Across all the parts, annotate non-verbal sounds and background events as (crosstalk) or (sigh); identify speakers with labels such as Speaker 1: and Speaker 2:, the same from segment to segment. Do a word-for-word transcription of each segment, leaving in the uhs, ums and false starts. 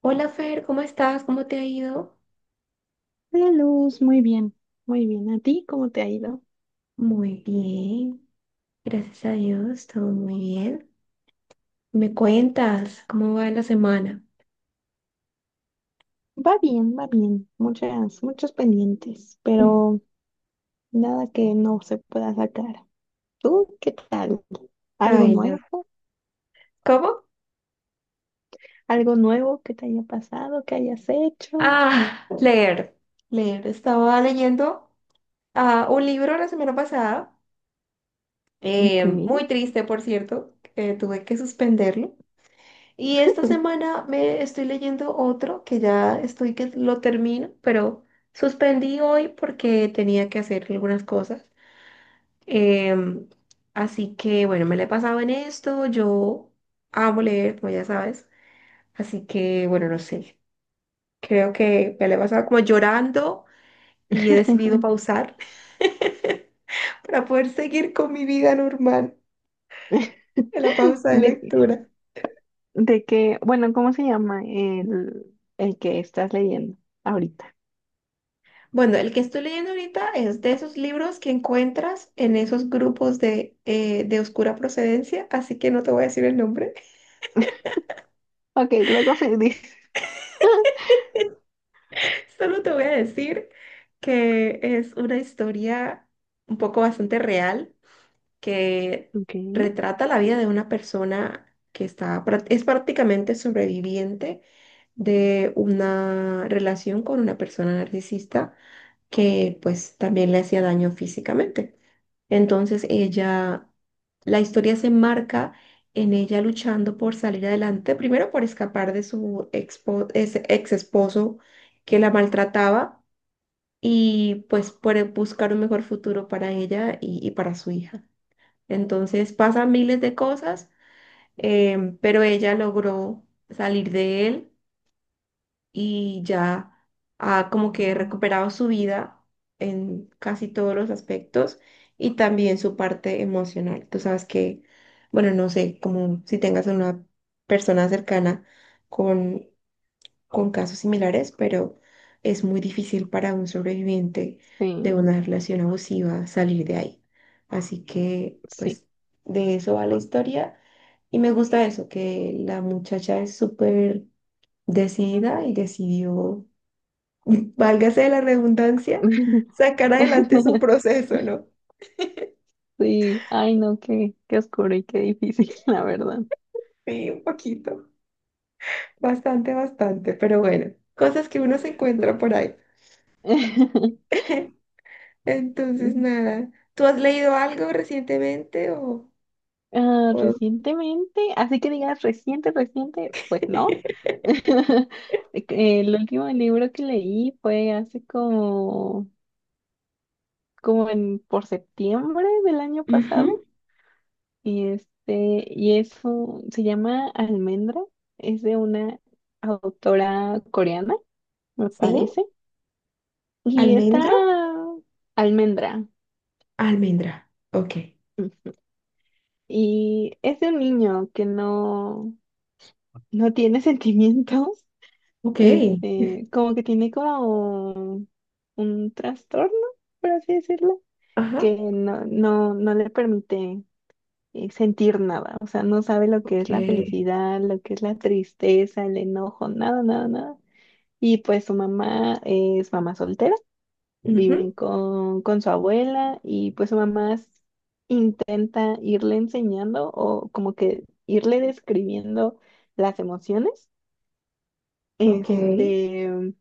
Speaker 1: Hola Fer, ¿cómo estás? ¿Cómo te ha ido?
Speaker 2: Hola Luz, muy bien, muy bien. ¿A ti cómo te ha ido?
Speaker 1: Muy bien, gracias a Dios, todo muy bien. ¿Me cuentas cómo va la semana?
Speaker 2: Va bien, va bien. Muchas, muchos pendientes,
Speaker 1: Mm.
Speaker 2: pero nada que no se pueda sacar. ¿Tú qué tal? ¿Algo
Speaker 1: Ay, no.
Speaker 2: nuevo?
Speaker 1: ¿Cómo?
Speaker 2: ¿Algo nuevo que te haya pasado, que hayas hecho?
Speaker 1: Ah, leer, leer. Estaba leyendo ah, un libro la semana pasada,
Speaker 2: Ok.
Speaker 1: eh, muy triste, por cierto, que tuve que suspenderlo. Y esta semana me estoy leyendo otro que ya estoy que lo termino, pero suspendí hoy porque tenía que hacer algunas cosas. Em, Así que bueno, me la he pasado en esto. Yo amo leer, como ya sabes. Así que bueno, no sé. Creo que me la he pasado como llorando y he decidido pausar (laughs) para poder seguir con mi vida normal
Speaker 2: (laughs)
Speaker 1: en la pausa de
Speaker 2: De,
Speaker 1: lectura.
Speaker 2: de que, bueno, ¿cómo se llama el, el que estás leyendo ahorita?
Speaker 1: Bueno, el que estoy leyendo ahorita es de esos libros que encuentras en esos grupos de, eh, de oscura procedencia, así que no te voy a decir el nombre.
Speaker 2: Ok, luego me dices. (laughs)
Speaker 1: Solo te voy a decir que es una historia un poco bastante real que
Speaker 2: Ok.
Speaker 1: retrata la vida de una persona que está, prá- es prácticamente sobreviviente de una relación con una persona narcisista que pues también le hacía daño físicamente. Entonces ella, la historia se marca en ella luchando por salir adelante, primero por escapar de su expo- ex esposo que la maltrataba y pues por buscar un mejor futuro para ella y, y para su hija. Entonces pasan miles de cosas, em, pero ella logró salir de él y ya ha como que
Speaker 2: Ujú.
Speaker 1: recuperado su vida en casi todos los aspectos y también su parte emocional. Tú sabes que, bueno, no sé, como si tengas una persona cercana con con casos similares, pero es muy difícil para un sobreviviente de
Speaker 2: Sí,
Speaker 1: una relación abusiva salir de ahí. Así que,
Speaker 2: sí.
Speaker 1: pues, de eso va la historia. Y me gusta eso, que la muchacha es súper decidida y decidió, (laughs) válgase de la redundancia, sacar adelante su
Speaker 2: (laughs)
Speaker 1: proceso, ¿no?
Speaker 2: Sí, ay no, qué, qué oscuro y qué difícil, (laughs) la verdad.
Speaker 1: Sí, un poquito, bastante, bastante, pero bueno, cosas que uno se encuentra por
Speaker 2: Sí.
Speaker 1: ahí.
Speaker 2: (laughs)
Speaker 1: (laughs) Entonces, nada. ¿Tú has leído algo recientemente o...?
Speaker 2: Ah,
Speaker 1: o-
Speaker 2: recientemente, así que digas reciente, reciente, pues no.
Speaker 1: (laughs)
Speaker 2: (laughs) El último libro que leí fue hace como, como en, por septiembre del año pasado.
Speaker 1: Ujú.
Speaker 2: Y este, y es un- se llama Almendra, es de una autora coreana, me
Speaker 1: Sí,
Speaker 2: parece. Y está
Speaker 1: almendro,
Speaker 2: Almendra.
Speaker 1: almendra. Ok,
Speaker 2: Y es de un niño que no, no tiene (laughs) sentimientos,
Speaker 1: ok,
Speaker 2: este, como que tiene como un trastorno, por así decirlo,
Speaker 1: ajá,
Speaker 2: que no, no, no le permite eh, sentir nada, o sea, no sabe lo que
Speaker 1: ok,
Speaker 2: es la felicidad, lo que es la tristeza, el enojo, nada, nada, nada. Y pues su mamá es mamá soltera. Viven
Speaker 1: ujú,
Speaker 2: con, con su abuela y pues su mamá s- intenta irle enseñando o como que irle describiendo las emociones.
Speaker 1: ok,
Speaker 2: Este,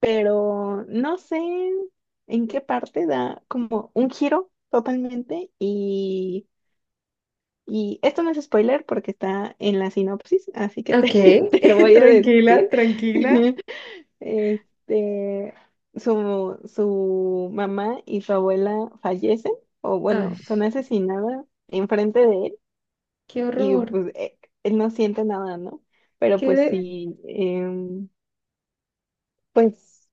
Speaker 2: pero no sé en qué parte da como un giro totalmente y, y esto no es spoiler porque está en la sinopsis, así que te,
Speaker 1: ok,
Speaker 2: (laughs) te lo
Speaker 1: (laughs)
Speaker 2: voy a
Speaker 1: tranquila,
Speaker 2: decir.
Speaker 1: tranquila.
Speaker 2: (laughs) Este, su, su mamá y su abuela fallecen, o
Speaker 1: Ay,
Speaker 2: bueno, son asesinadas enfrente de él,
Speaker 1: qué
Speaker 2: y
Speaker 1: horror,
Speaker 2: pues eh, él no siente nada, ¿no? Pero
Speaker 1: qué
Speaker 2: pues
Speaker 1: de...
Speaker 2: sí, em, pues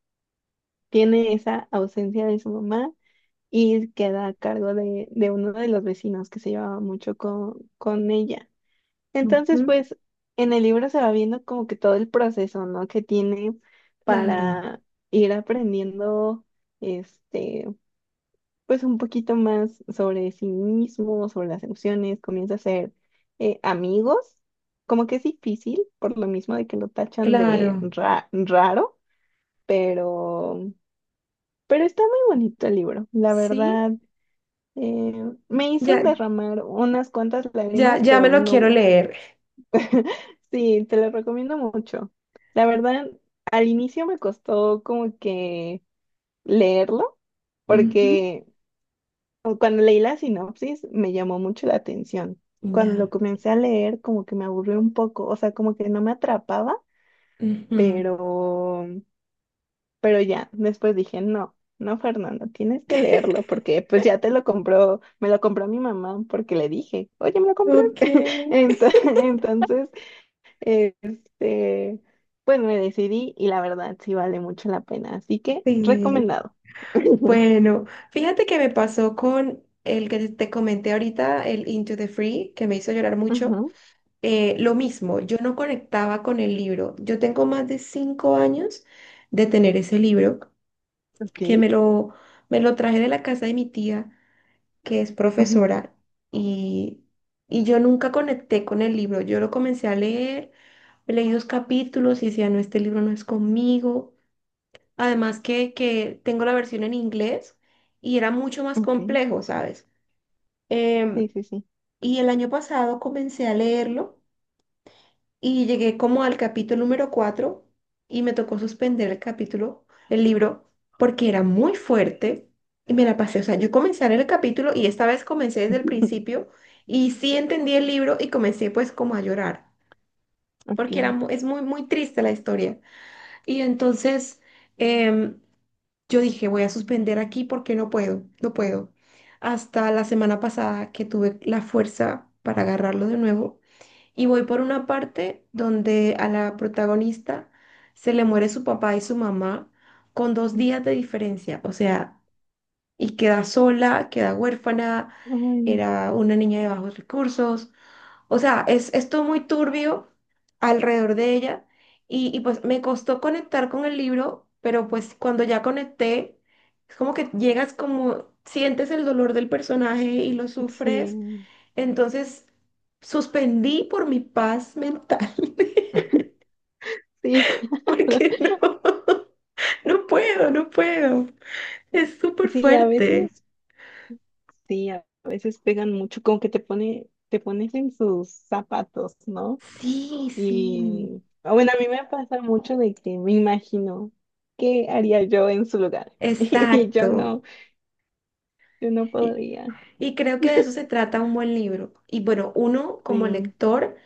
Speaker 2: tiene esa ausencia de su mamá y queda a cargo de, de uno de los vecinos que se llevaba mucho con, con ella. Entonces,
Speaker 1: ujú,
Speaker 2: pues en el libro se va viendo como que todo el proceso, ¿no? Que tiene
Speaker 1: claro,
Speaker 2: para ir aprendiendo, este, pues un poquito más sobre sí mismo, sobre las emociones, comienza a ser eh, amigos, como que es difícil por lo mismo de que lo tachan de
Speaker 1: claro,
Speaker 2: ra- raro, pero, pero está muy bonito el libro, la
Speaker 1: sí,
Speaker 2: verdad. Eh, me hizo
Speaker 1: ya,
Speaker 2: derramar unas cuantas
Speaker 1: ya,
Speaker 2: lágrimas,
Speaker 1: ya me
Speaker 2: pero
Speaker 1: lo quiero
Speaker 2: no.
Speaker 1: leer.
Speaker 2: Sí, te lo recomiendo mucho. La verdad, al inicio me costó como que leerlo,
Speaker 1: Ujú,
Speaker 2: porque cuando leí la sinopsis me llamó mucho la atención. Cuando
Speaker 1: ya,
Speaker 2: lo comencé a leer, como que me aburrió un poco, o sea, como que no me atrapaba,
Speaker 1: ujú.
Speaker 2: pero, pero ya, después dije, no, no, Fernando, tienes que leerlo,
Speaker 1: (laughs)
Speaker 2: porque pues ya te lo compró, me lo compró mi mamá, porque le dije, oye, me lo compré.
Speaker 1: Ok,
Speaker 2: (laughs) Entonces, este, pues me decidí y la verdad sí vale mucho la pena. Así que
Speaker 1: sí.
Speaker 2: recomendado. (laughs)
Speaker 1: Bueno, fíjate que me pasó con el que te comenté ahorita, el Into the Free, que me hizo llorar mucho.
Speaker 2: Ujú,
Speaker 1: Eh, lo mismo, yo no conectaba con el libro. Yo tengo más de cinco años de tener ese libro,
Speaker 2: ok.
Speaker 1: que me lo, me lo traje de la casa de mi tía, que es
Speaker 2: Ujú,
Speaker 1: profesora, y, y yo nunca conecté con el libro. Yo lo comencé a leer, leí dos capítulos y decía, no, este libro no es conmigo. Además que, que tengo la versión en inglés y era mucho más
Speaker 2: ok.
Speaker 1: complejo, ¿sabes? Em,
Speaker 2: Sí, sí, sí.
Speaker 1: y el año pasado comencé a leerlo y llegué como al capítulo número cuatro y me tocó suspender el capítulo, el libro, porque era muy fuerte y me la pasé. O sea, yo comencé a leer el capítulo y esta vez comencé desde el principio y sí entendí el libro y comencé pues como a llorar, porque era,
Speaker 2: Ok.
Speaker 1: mu- es muy, muy triste la historia. Y entonces... em, yo dije, voy a suspender aquí porque no puedo, no puedo. Hasta la semana pasada que tuve la fuerza para agarrarlo de nuevo. Y voy por una parte donde a la protagonista se le muere su papá y su mamá con dos
Speaker 2: Mm.
Speaker 1: días de diferencia. O sea, y queda sola, queda huérfana,
Speaker 2: Ay, no.
Speaker 1: era una niña de bajos recursos. O sea, es, es todo muy turbio alrededor de ella y, y pues me costó conectar con el libro, pero pues cuando ya conecté, es como que llegas como, sientes el dolor del personaje y lo sufres,
Speaker 2: Sí,
Speaker 1: entonces suspendí por mi paz mental, (laughs)
Speaker 2: sí, (laughs) claro.
Speaker 1: porque no, (laughs) no puedo, no puedo, es súper
Speaker 2: Sí, a
Speaker 1: fuerte.
Speaker 2: veces, sí, a veces pegan mucho, como que te pone, te pones en sus zapatos, ¿no?
Speaker 1: Sí, sí,
Speaker 2: Y ah, bueno, a mí me pasa mucho de que me imagino qué haría yo en su lugar. (laughs) Y yo
Speaker 1: exacto.
Speaker 2: no, yo no podría.
Speaker 1: Y creo que de eso se trata un buen libro. Y bueno, uno como
Speaker 2: Sí,
Speaker 1: lector,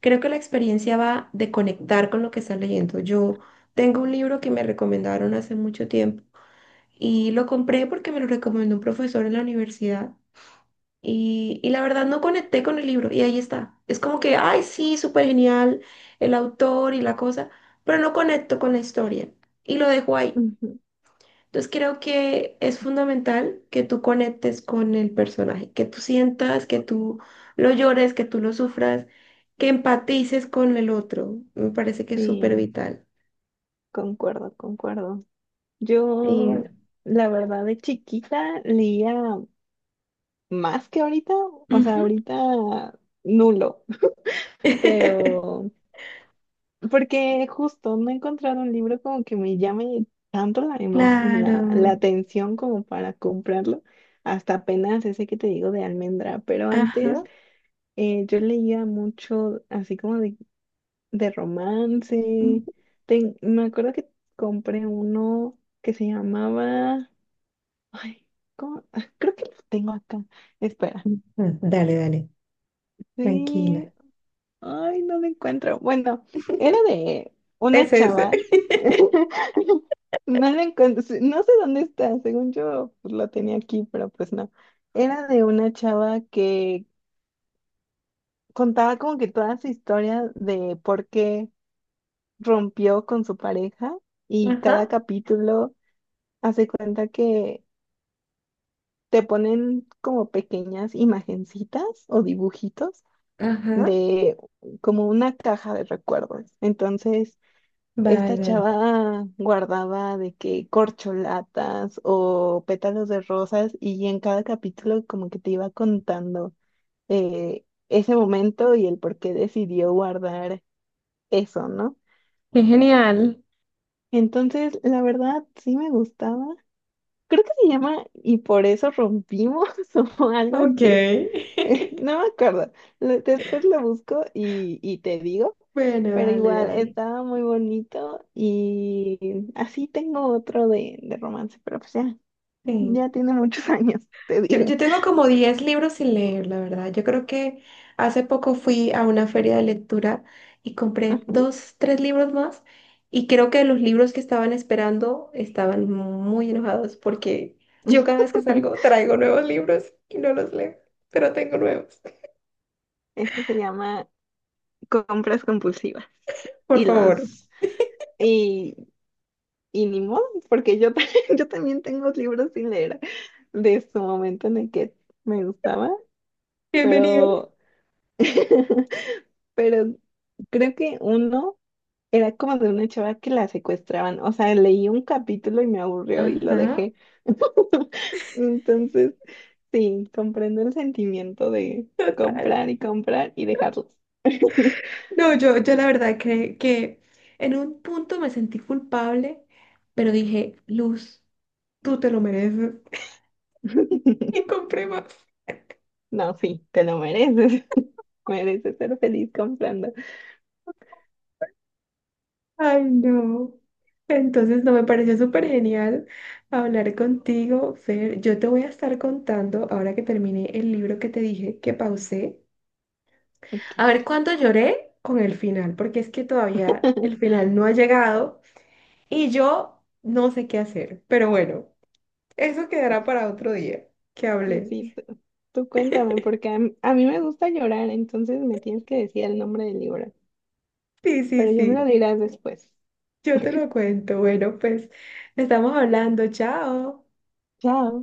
Speaker 1: creo que la experiencia va de conectar con lo que está leyendo. Yo tengo un libro que me recomendaron hace mucho tiempo y lo compré porque me lo recomendó un profesor en la universidad y, y la verdad no conecté con el libro y ahí está. Es como que, ay, sí, súper genial el autor y la cosa, pero no conecto con la historia y lo dejo ahí.
Speaker 2: ujú,
Speaker 1: Entonces creo que es fundamental que tú conectes con el personaje, que tú sientas, que tú lo llores, que tú lo sufras, que empatices con el otro. Me parece que es súper
Speaker 2: sí,
Speaker 1: vital.
Speaker 2: concuerdo, concuerdo. Yo,
Speaker 1: Y...
Speaker 2: la verdad, de chiquita leía más que ahorita, o sea,
Speaker 1: ujú.
Speaker 2: ahorita nulo,
Speaker 1: (laughs)
Speaker 2: pero porque justo no he encontrado un libro como que me llame tanto la, emo-
Speaker 1: Claro.
Speaker 2: la, la atención como para comprarlo, hasta apenas ese que te digo de Almendra, pero antes
Speaker 1: Ajá.
Speaker 2: eh, yo leía mucho así como de de
Speaker 1: Ujú.
Speaker 2: romance. Ten- me acuerdo que compré uno que se llamaba. Ay, ¿cómo? Ah, creo que lo tengo acá. Espera.
Speaker 1: Ah, dale, dale.
Speaker 2: Sí.
Speaker 1: Tranquila.
Speaker 2: Ay, no lo encuentro. Bueno, era de una
Speaker 1: Ese, ese.
Speaker 2: chava. (laughs) No lo encuentro. Sí, no sé dónde está. Según yo, pues, lo tenía aquí, pero pues no. Era de una chava que contaba como que toda su historia de por qué rompió con su pareja y
Speaker 1: Ajá.
Speaker 2: cada capítulo. Hace cuenta que te ponen como pequeñas imagencitas o dibujitos
Speaker 1: Ajá.
Speaker 2: de como una caja de recuerdos. Entonces, esta
Speaker 1: Vaya.
Speaker 2: chava guardaba de que corcholatas o pétalos de rosas y en cada capítulo como que te iba contando eh, ese momento y el por qué decidió guardar eso, ¿no?
Speaker 1: Qué genial.
Speaker 2: Entonces, la verdad, sí me gustaba. Creo que se llama Y por eso rompimos (laughs) o algo
Speaker 1: Ok.
Speaker 2: así.
Speaker 1: (laughs)
Speaker 2: (laughs) No me acuerdo. Lo- Después lo busco y, y te digo.
Speaker 1: Bueno,
Speaker 2: Pero
Speaker 1: dale,
Speaker 2: igual,
Speaker 1: dale.
Speaker 2: estaba muy bonito y así tengo otro de, de romance, pero pues ya,
Speaker 1: Sí.
Speaker 2: ya tiene muchos (laughs) años, te
Speaker 1: Yo,
Speaker 2: digo.
Speaker 1: yo tengo como diez libros sin leer, la verdad. Yo creo que hace poco fui a una feria de lectura y compré
Speaker 2: Ajá.
Speaker 1: dos, tres libros más y creo que los libros que estaban esperando estaban muy enojados porque yo cada vez que
Speaker 2: (laughs)
Speaker 1: salgo traigo nuevos libros y no los leo, pero tengo nuevos.
Speaker 2: Eso se llama compras compulsivas.
Speaker 1: Por
Speaker 2: Y
Speaker 1: favor,
Speaker 2: los, y, y ni modo, porque yo, también- (laughs) yo también tengo libros sin leer de su momento en el que me gustaba,
Speaker 1: bienvenidos.
Speaker 2: pero, (laughs) pero creo que uno. Era como de una chava que la secuestraban. O sea, leí un capítulo y me aburrió y lo
Speaker 1: Ajá,
Speaker 2: dejé. (laughs) Entonces, sí, comprendo el sentimiento de
Speaker 1: total.
Speaker 2: comprar y comprar y dejarlos.
Speaker 1: No, yo, yo la verdad que, que en un punto me sentí culpable, pero dije, Luz, tú te lo mereces. (laughs)
Speaker 2: (laughs)
Speaker 1: Y compré más.
Speaker 2: No, sí, te lo mereces. (laughs) Mereces ser feliz comprando.
Speaker 1: Ay, no. Entonces, no me pareció súper genial hablar contigo, Fer. Yo te voy a estar contando, ahora que terminé el libro que te dije que pausé, a ver
Speaker 2: Ok.
Speaker 1: cuánto lloré con el final, porque es que todavía el
Speaker 2: (laughs)
Speaker 1: final no ha llegado y yo no sé qué hacer. Pero bueno, eso quedará para otro día que hablé.
Speaker 2: Sí, tú, tú cuéntame, porque a, m- a mí me gusta llorar, entonces me tienes que decir el nombre del libro.
Speaker 1: Sí, sí,
Speaker 2: Pero yo me lo
Speaker 1: sí.
Speaker 2: dirás después.
Speaker 1: Yo te lo cuento. Bueno, pues estamos hablando. Chao.
Speaker 2: Chao.